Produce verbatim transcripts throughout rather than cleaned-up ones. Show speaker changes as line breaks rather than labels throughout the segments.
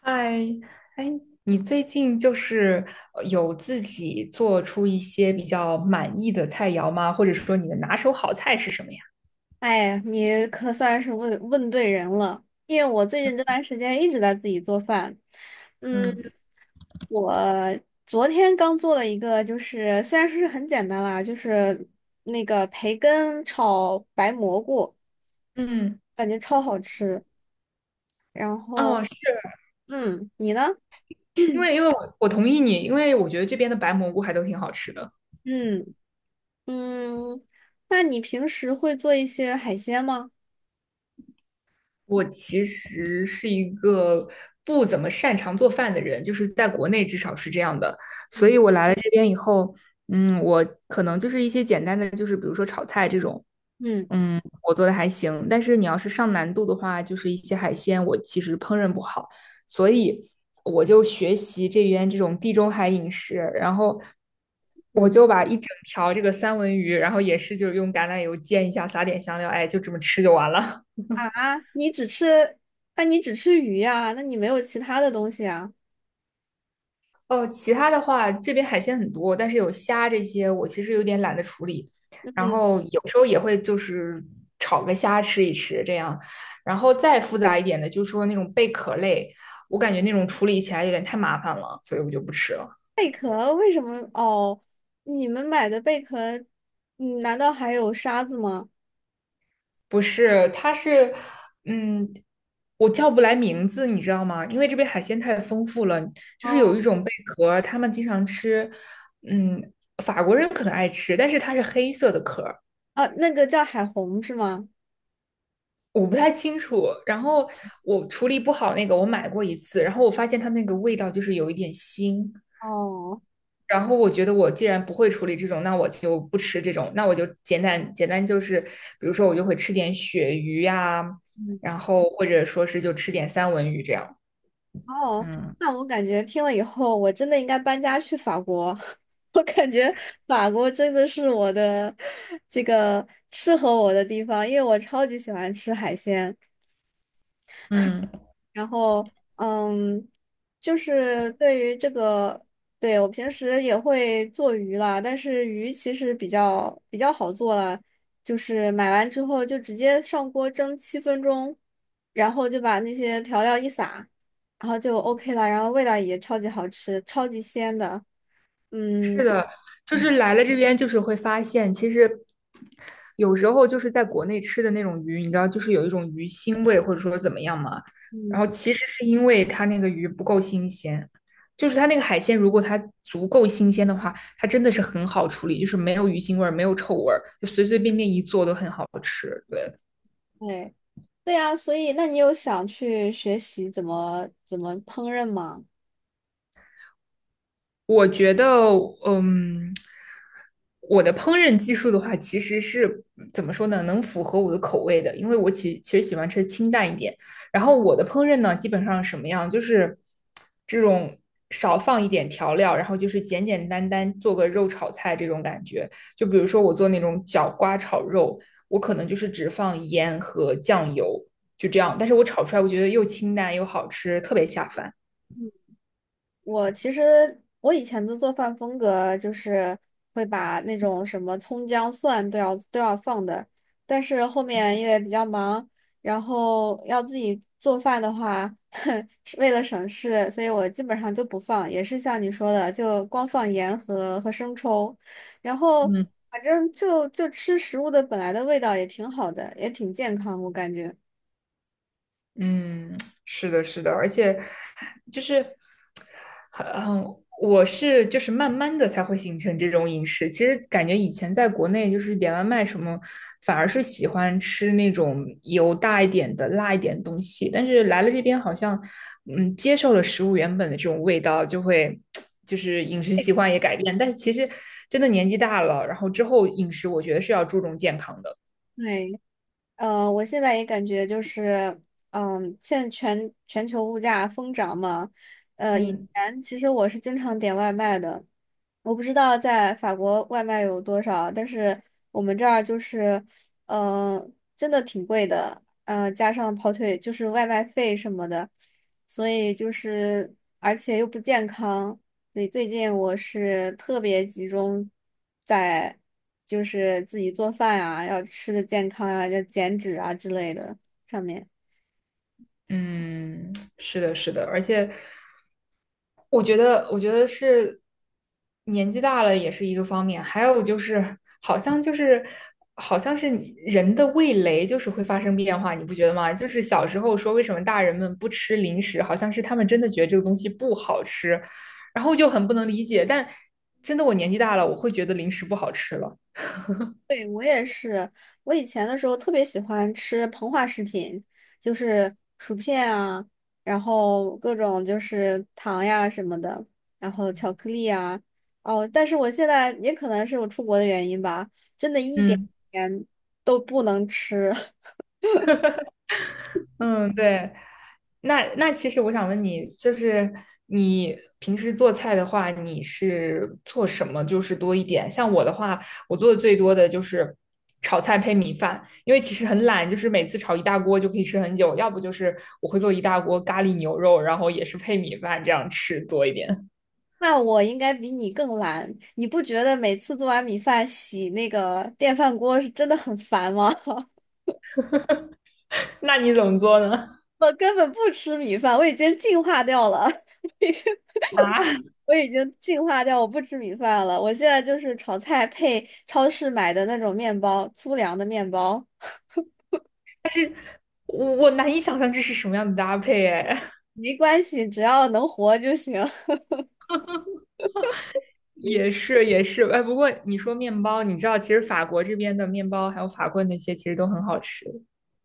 嗨，哎，你最近就是呃有自己做出一些比较满意的菜肴吗？或者说你的拿手好菜是什么呀？
哎，你可算是问问对人了，因为我最近这段时间一直在自己做饭。嗯，
嗯，
我昨天刚做了一个，就是虽然说是很简单啦，就是那个培根炒白蘑菇，
嗯，
感觉超好吃。然后，
哦，是
嗯，你呢？
因为因为我我同意你，因为我觉得这边的白蘑菇还都挺好吃的。
嗯嗯，那你平时会做一些海鲜吗？
我其实是一个不怎么擅长做饭的人，就是在国内至少是这样的，所以
嗯
我来了这边以后，嗯，我可能就是一些简单的，就是比如说炒菜这种，
嗯
嗯，我做的还行，但是你要是上难度的话，就是一些海鲜，我其实烹饪不好，所以我就学习这边这种地中海饮食，然后我
嗯
就把一整条这个三文鱼，然后也是就是用橄榄油煎一下，撒点香料，哎，就这么吃就完了。
啊，你只吃，那你只吃鱼呀？那你没有其他的东西啊？
哦，其他的话，这边海鲜很多，但是有虾这些，我其实有点懒得处理。然
嗯。
后有时候也会就是炒个虾吃一吃这样。然后再复杂一点的，就是说那种贝壳类，我感觉那种处理起来有点太麻烦了，所以我就不吃了。
贝壳为什么？哦，你们买的贝壳，嗯，难道还有沙子吗？
不是，它是，嗯，我叫不来名字，你知道吗？因为这边海鲜太丰富了，就是有
哦，
一种贝壳，他们经常吃，嗯，法国人可能爱吃，但是它是黑色的壳。
啊，那个叫海虹是吗？
我不太清楚。然后我处理不好那个，我买过一次，然后我发现它那个味道就是有一点腥。
哦，
然后我觉得我既然不会处理这种，那我就不吃这种，那我就简单简单就是，比如说我就会吃点鳕鱼呀、
嗯，
然后或者说是就吃点三文鱼这样。
哦，
嗯
那我感觉听了以后，我真的应该搬家去法国。我感觉法国真的是我的这个适合我的地方，因为我超级喜欢吃海鲜。
嗯。
然后，嗯，就是对于这个，对，我平时也会做鱼啦，但是鱼其实比较比较好做了，就是买完之后就直接上锅蒸七分钟，然后就把那些调料一撒，然后就 OK 了，然后味道也超级好吃，超级鲜的。
是
嗯
的，就是来了这边，就是会发现，其实有时候就是在国内吃的那种鱼，你知道，就是有一种鱼腥味，或者说怎么样嘛。然后
嗯，
其实是因为它那个鱼不够新鲜，就是它那个海鲜，如果它足够新鲜的话，它真的是很好处理，就是没有鱼腥味儿，没有臭味儿，就随随便便一做都很好吃。对，
对对呀，所以那你有想去学习怎么怎么烹饪吗？
我觉得，嗯，我的烹饪技术的话，其实是怎么说呢，能符合我的口味的，因为我其其实喜欢吃清淡一点。然后我的烹饪呢，基本上什么样，就是这种少放一点调料，然后就是简简单单做个肉炒菜这种感觉。就比如说我做那种角瓜炒肉，我可能就是只放盐和酱油，就这样。但是我炒出来，我觉得又清淡又好吃，特别下饭。
我其实我以前的做饭风格就是会把那种什么葱姜蒜都要都要放的，但是后面因为比较忙，然后要自己做饭的话，是为了省事，所以我基本上就不放，也是像你说的，就光放盐和和生抽，然后
嗯，
反正就就吃食物的本来的味道也挺好的，也挺健康，我感觉。
嗯，是的，是的，而且就是很很，我是就是慢慢的才会形成这种饮食。其实感觉以前在国内就是点外卖什么，反而是喜欢吃那种油大一点的、辣一点的东西。但是来了这边，好像嗯，接受了食物原本的这种味道，就会就是饮食习惯也改变。但是其实真的年纪大了，然后之后饮食，我觉得是要注重健康的。
对。呃，我现在也感觉就是，嗯，现在全全球物价疯涨嘛，呃，以
嗯
前其实我是经常点外卖的，我不知道在法国外卖有多少，但是我们这儿就是，嗯、真的挺贵的，嗯，加上跑腿就是外卖费什么的，所以就是而且又不健康，所以最近我是特别集中在就是自己做饭啊，要吃的健康啊，要减脂啊之类的上面。
嗯，是的，是的，而且我觉得，我觉得是年纪大了也是一个方面，还有就是，好像就是，好像是你人的味蕾就是会发生变化，你不觉得吗？就是小时候说为什么大人们不吃零食，好像是他们真的觉得这个东西不好吃，然后就很不能理解。但真的我年纪大了，我会觉得零食不好吃了。
对，我也是，我以前的时候特别喜欢吃膨化食品，就是薯片啊，然后各种就是糖呀什么的，然后巧克力啊。哦，但是我现在也可能是我出国的原因吧，真的一点
嗯
点都不能吃。
嗯，对。那那其实我想问你，就是你平时做菜的话，你是做什么就是多一点？像我的话，我做的最多的就是炒菜配米饭，因为其实很懒，就是每次炒一大锅就可以吃很久，要不就是我会做一大锅咖喱牛肉，然后也是配米饭这样吃多一点。
那我应该比你更懒，你不觉得每次做完米饭洗那个电饭锅是真的很烦吗？
那你怎么做呢？
我根本不吃米饭，我已经进化掉了，
啊，
我已经进化掉，我不吃米饭了。我现在就是炒菜配超市买的那种面包，粗粮的面包，
我我难以想象这是什么样的搭配哎。
没关系，只要能活就行。
也是也是，哎，不过你说面包，你知道其实法国这边的面包还有法棍那些其实都很好吃。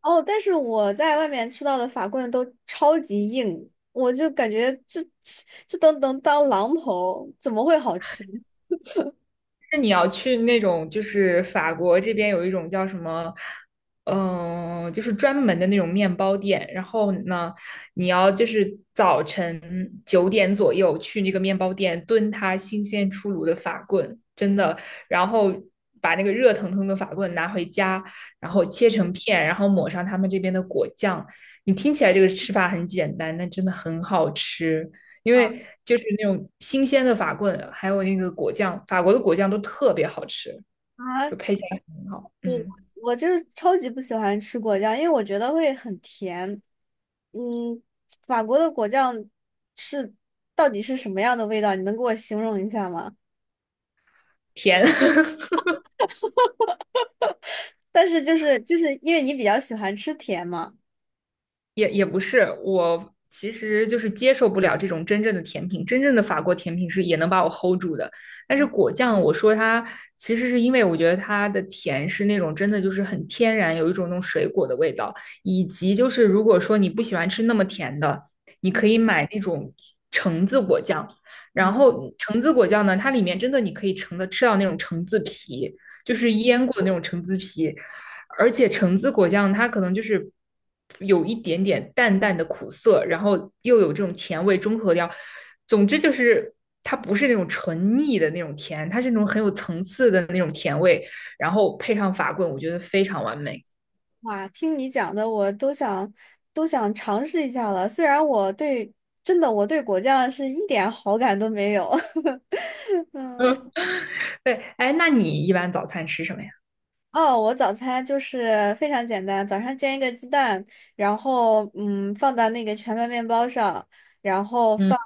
哦，但是我在外面吃到的法棍都超级硬，我就感觉这这这都能当榔头，怎么会好吃？
那你要去那种，就是法国这边有一种叫什么，嗯、就是专门的那种面包店。然后呢，你要就是早晨九点左右去那个面包店蹲它新鲜出炉的法棍，真的。然后把那个热腾腾的法棍拿回家，然后切成片，然后抹上他们这边的果酱。你听起来这个吃法很简单，但真的很好吃。因
啊，
为就是那种新鲜的法棍，还有那个果酱，法国的果酱都特别好吃，就 配起来很好。
我
嗯，
我就是超级不喜欢吃果酱，因为我觉得会很甜。嗯，法国的果酱是到底是什么样的味道？你能给我形容一下吗？
甜。
但是就是就是因为你比较喜欢吃甜嘛，
也也不是，我其实就是接受不了这种真正的甜品。真正的法国甜品是也能把我 hold 住的，但是果酱，我说它其实是因为我觉得它的甜是那种真的就是很天然，有一种那种水果的味道，以及就是如果说你不喜欢吃那么甜的，你可以买那种橙子果酱。然后橙子果酱呢，它里面真的你可以橙的吃到那种橙子皮，就是腌过的那种橙子皮。而且橙子果酱它可能就是有一点点淡淡的苦涩，然后又有这种甜味中和掉。总之就是它不是那种纯腻的那种甜，它是那种很有层次的那种甜味，然后配上法棍，我觉得非常完美。
哇，听你讲的我都想都想尝试一下了。虽然我对真的我对果酱是一点好感都没有。
嗯，对，哎，那你一般早餐吃什么呀？
哦，我早餐就是非常简单，早上煎一个鸡蛋，然后嗯放到那个全麦面包上，然后
嗯
放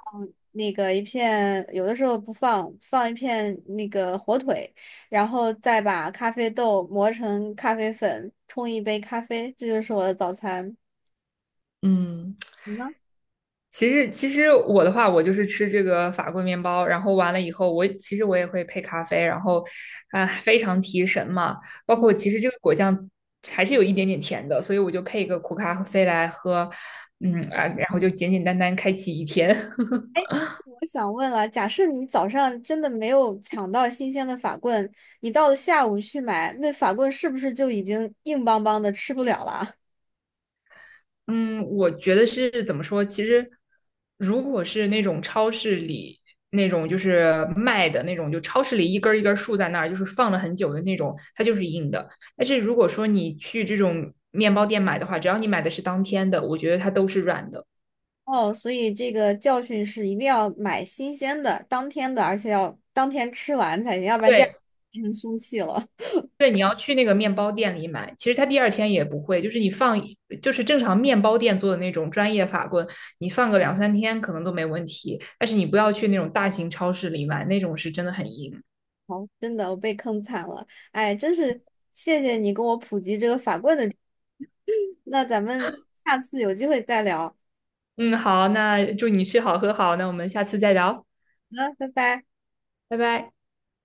那个一片，有的时候不放，放一片那个火腿，然后再把咖啡豆磨成咖啡粉，冲一杯咖啡，这就是我的早餐。
嗯，
你呢？
其实，其实我的话，我就是吃这个法棍面包，然后完了以后，我其实我也会配咖啡，然后，啊、非常提神嘛。包括其实这个果酱还是有一点点甜的，所以我就配一个苦咖啡来喝，嗯啊，然后就简简单单开启一天。
我想问了，假设你早上真的没有抢到新鲜的法棍，你到了下午去买，那法棍是不是就已经硬邦邦的吃不了了？
嗯，我觉得是怎么说？其实，如果是那种超市里那种就是卖的那种，就超市里一根儿一根儿竖在那儿，就是放了很久的那种，它就是硬的。但是如果说你去这种面包店买的话，只要你买的是当天的，我觉得它都是软的。
哦，所以这个教训是一定要买新鲜的、当天的，而且要当天吃完才行，要不然第二
对
天变成凶器了。
对，你要去那个面包店里买，其实它第二天也不会，就是你放一就是正常面包店做的那种专业法棍，你放个两三天可能都没问题。但是你不要去那种大型超市里买，那种是真的很硬。
好，真的，我被坑惨了。哎，真是谢谢你跟我普及这个法棍的知识那咱们下次有机会再聊。好
嗯，好，那祝你吃好喝好，那我们下次再聊，
的，拜拜。
拜拜。